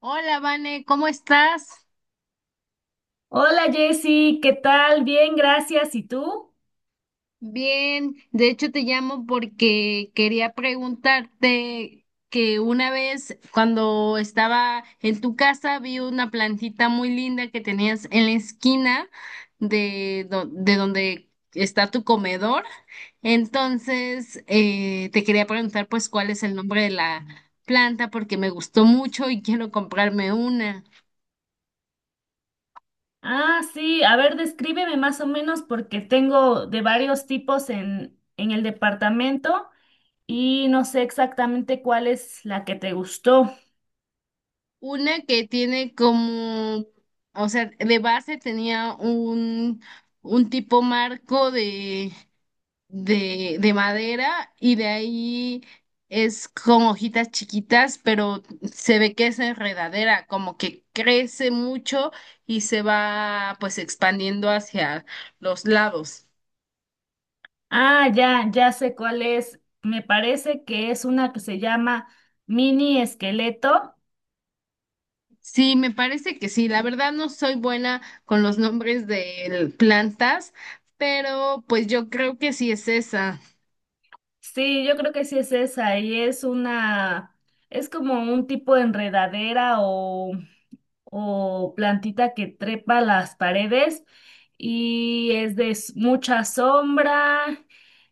Hola, Vane, ¿cómo estás? Hola Jessy, ¿qué tal? Bien, gracias. ¿Y tú? Bien, de hecho te llamo porque quería preguntarte que una vez cuando estaba en tu casa vi una plantita muy linda que tenías en la esquina de, de donde está tu comedor. Entonces, te quería preguntar pues cuál es el nombre de la planta porque me gustó mucho y quiero comprarme una. Ah, sí, a ver, descríbeme más o menos porque tengo de varios tipos en el departamento y no sé exactamente cuál es la que te gustó. Una que tiene como, o sea, de base tenía un tipo marco de, de madera y de ahí es con hojitas chiquitas, pero se ve que es enredadera, como que crece mucho y se va pues expandiendo hacia los lados. Ah, ya, ya sé cuál es. Me parece que es una que se llama mini esqueleto. Sí, me parece que sí. La verdad no soy buena con los nombres de plantas, pero pues yo creo que sí es esa. Sí, yo creo que sí es esa y es como un tipo de enredadera o plantita que trepa las paredes y es mucha sombra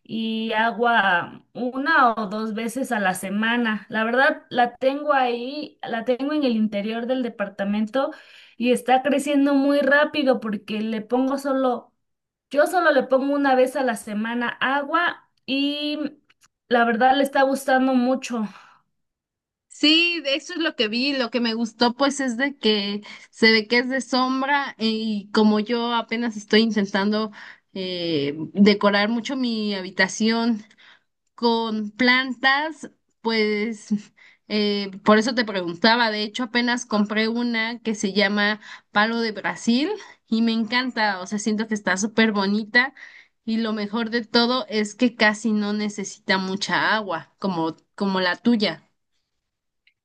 y agua una o dos veces a la semana. La verdad, la tengo ahí, la tengo en el interior del departamento y está creciendo muy rápido porque yo solo le pongo una vez a la semana agua y la verdad le está gustando mucho. Sí, de eso es lo que vi, lo que me gustó pues es de que se ve que es de sombra y como yo apenas estoy intentando decorar mucho mi habitación con plantas, pues por eso te preguntaba. De hecho apenas compré una que se llama Palo de Brasil y me encanta, o sea, siento que está súper bonita y lo mejor de todo es que casi no necesita mucha agua como la tuya.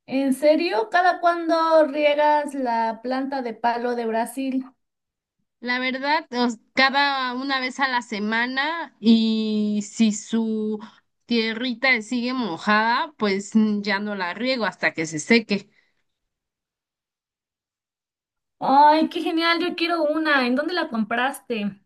¿En serio? ¿Cada cuándo riegas la planta de palo de Brasil? La verdad, cada una vez a la semana, y si su tierrita sigue mojada, pues ya no la riego hasta que se seque. Ay, qué genial, yo quiero una. ¿En dónde la compraste?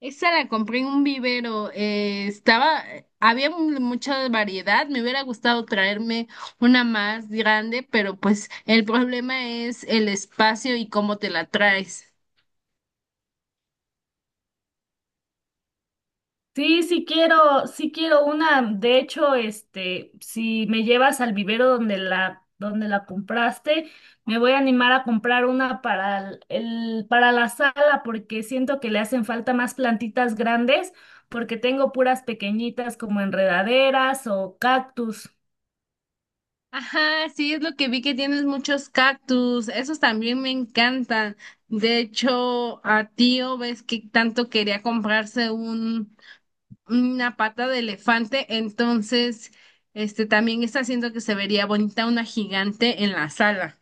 Esa la compré en un vivero. Estaba, había mucha variedad, me hubiera gustado traerme una más grande, pero pues el problema es el espacio y cómo te la traes. Sí, sí quiero una. De hecho, este, si me llevas al vivero donde la compraste, me voy a animar a comprar una para para la sala porque siento que le hacen falta más plantitas grandes porque tengo puras pequeñitas como enredaderas o cactus. Ajá, sí, es lo que vi que tienes muchos cactus, esos también me encantan. De hecho, a tío ves que tanto quería comprarse un, una pata de elefante, entonces, este también está haciendo que se vería bonita una gigante en la sala.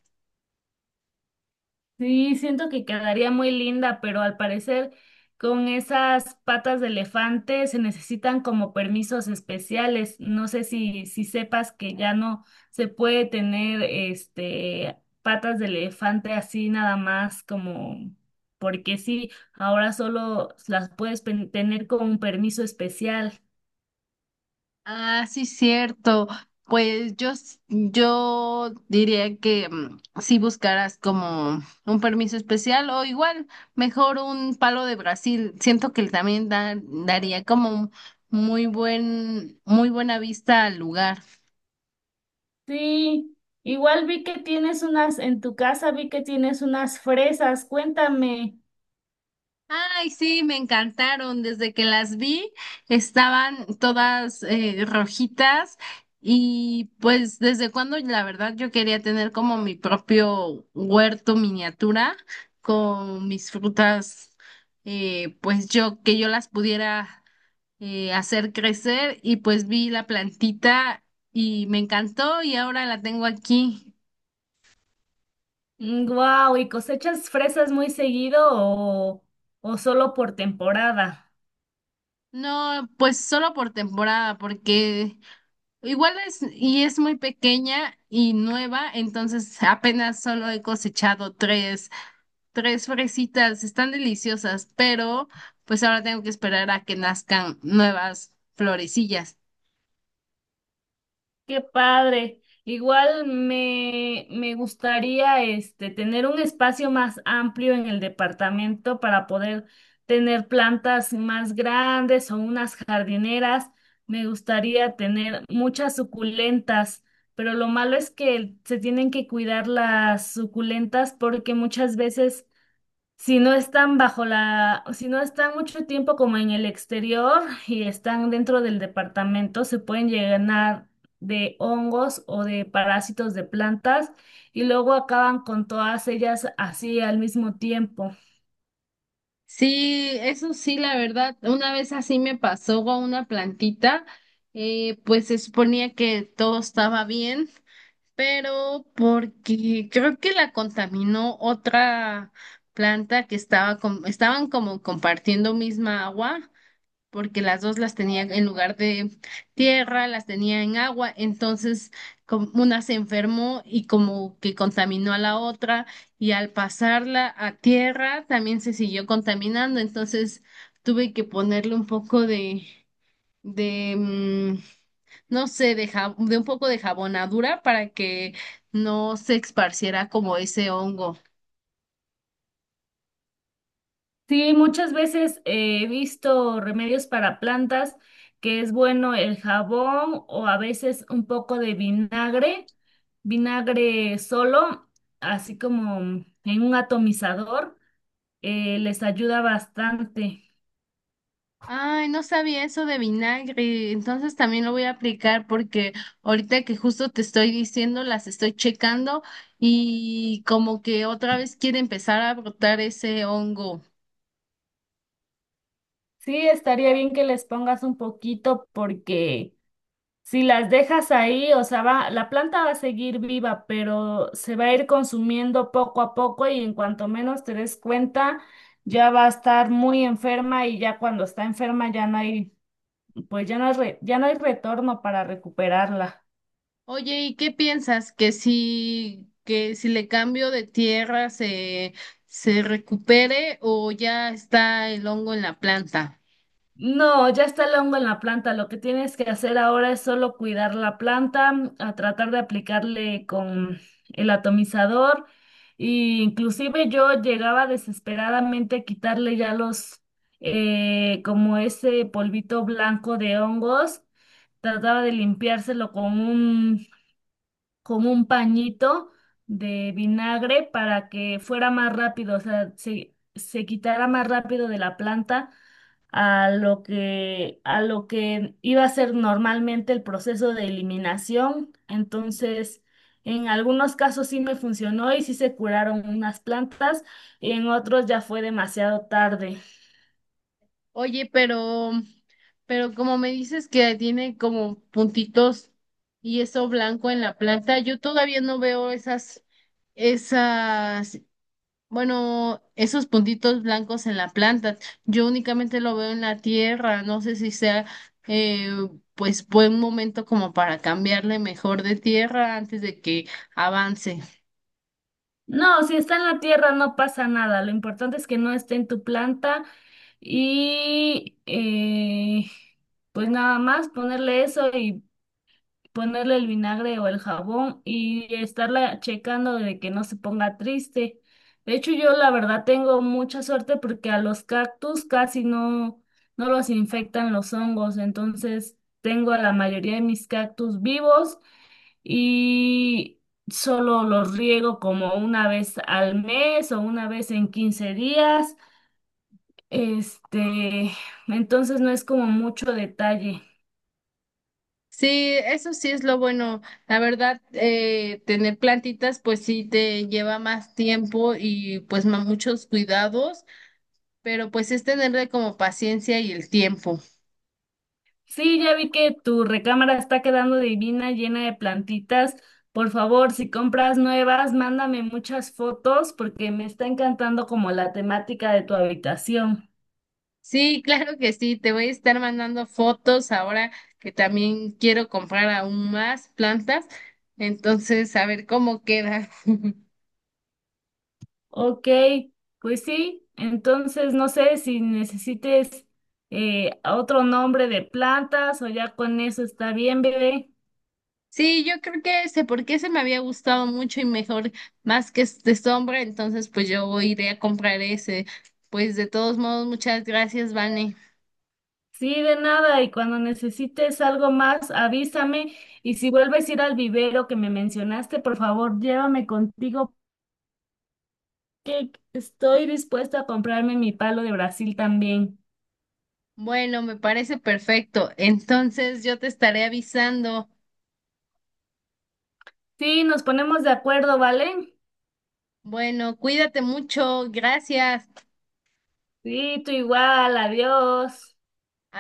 Sí, siento que quedaría muy linda, pero al parecer con esas patas de elefante se necesitan como permisos especiales. No sé si sepas que ya no se puede tener este patas de elefante así nada más como porque sí, ahora solo las puedes tener con un permiso especial. Ah, sí, cierto. Pues yo, yo diría que si buscaras como un permiso especial o igual, mejor un palo de Brasil. Siento que también daría como un muy buen, muy buena vista al lugar. Sí, igual vi que tienes unas en tu casa, vi que tienes unas fresas. Cuéntame. Ay, sí, me encantaron. Desde que las vi, estaban todas rojitas, y pues desde cuando la verdad yo quería tener como mi propio huerto miniatura con mis frutas, pues yo que yo las pudiera hacer crecer, y pues vi la plantita y me encantó y ahora la tengo aquí. Wow, ¿y cosechas fresas muy seguido o solo por temporada? No, pues solo por temporada, porque igual es, y es muy pequeña y nueva, entonces apenas solo he cosechado tres, tres fresitas, están deliciosas, pero pues ahora tengo que esperar a que nazcan nuevas florecillas. Qué padre. Igual me gustaría este tener un espacio más amplio en el departamento para poder tener plantas más grandes o unas jardineras. Me gustaría tener muchas suculentas, pero lo malo es que se tienen que cuidar las suculentas porque muchas veces si no están si no están mucho tiempo como en el exterior y están dentro del departamento, se pueden llenar de hongos o de parásitos de plantas y luego acaban con todas ellas así al mismo tiempo. Sí, eso sí, la verdad, una vez así me pasó con una plantita. Pues se suponía que todo estaba bien, pero porque creo que la contaminó otra planta que estaba estaban como compartiendo misma agua, porque las dos las tenía en lugar de tierra, las tenía en agua. Entonces como una se enfermó y como que contaminó a la otra, y al pasarla a tierra también se siguió contaminando, entonces tuve que ponerle un poco de de mm, no sé, de, de un poco de jabonadura para que no se esparciera como ese hongo. Sí, muchas veces he visto remedios para plantas que es bueno el jabón o a veces un poco de vinagre, vinagre solo, así como en un atomizador les ayuda bastante. Ay, no sabía eso de vinagre, entonces también lo voy a aplicar porque ahorita que justo te estoy diciendo, las estoy checando y como que otra vez quiere empezar a brotar ese hongo. Sí, estaría bien que les pongas un poquito porque si las dejas ahí, o sea, va, la planta va a seguir viva, pero se va a ir consumiendo poco a poco y en cuanto menos te des cuenta, ya va a estar muy enferma y ya cuando está enferma pues ya no hay retorno para recuperarla. Oye, ¿y qué piensas? Que si le cambio de tierra se, se recupere, o ya está el hongo en la planta? No, ya está el hongo en la planta. Lo que tienes que hacer ahora es solo cuidar la planta, a tratar de aplicarle con el atomizador. Y inclusive yo llegaba desesperadamente a quitarle ya los, como ese polvito blanco de hongos. Trataba de limpiárselo con un pañito de vinagre para que fuera más rápido, o sea, se quitara más rápido de la planta a lo que iba a ser normalmente el proceso de eliminación. Entonces, en algunos casos sí me funcionó y sí se curaron unas plantas, y en otros ya fue demasiado tarde. Oye, pero como me dices que tiene como puntitos y eso blanco en la planta, yo todavía no veo esas, esas, bueno, esos puntitos blancos en la planta. Yo únicamente lo veo en la tierra. No sé si sea, eh, pues, buen momento como para cambiarle mejor de tierra antes de que avance. No, si está en la tierra no pasa nada. Lo importante es que no esté en tu planta y pues nada más ponerle eso y ponerle el vinagre o el jabón y estarla checando de que no se ponga triste. De hecho, yo la verdad tengo mucha suerte porque a los cactus casi no, no los infectan los hongos, entonces tengo a la mayoría de mis cactus vivos y solo los riego como una vez al mes o una vez en 15 días. Este, entonces no es como mucho detalle. Sí, eso sí es lo bueno. La verdad, tener plantitas, pues sí te lleva más tiempo y pues muchos cuidados, pero pues es tenerle como paciencia y el tiempo. Sí, ya vi que tu recámara está quedando divina, llena de plantitas. Por favor, si compras nuevas, mándame muchas fotos porque me está encantando como la temática de tu habitación. Sí, claro que sí. Te voy a estar mandando fotos ahora que también quiero comprar aún más plantas. Entonces, a ver cómo queda. Ok, pues sí, entonces no sé si necesites otro nombre de plantas o ya con eso está bien, bebé. Sí, yo creo que sé por qué se me había gustado mucho y mejor más que este sombra, entonces pues yo iré a comprar ese. Pues de todos modos, muchas gracias, Vane. Sí, de nada, y cuando necesites algo más, avísame. Y si vuelves a ir al vivero que me mencionaste, por favor, llévame contigo que estoy dispuesta a comprarme mi palo de Brasil también. Bueno, me parece perfecto. Entonces yo te estaré avisando. Sí, nos ponemos de acuerdo, ¿vale? Bueno, cuídate mucho. Gracias. Sí, tú igual, adiós.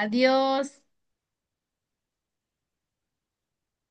Adiós.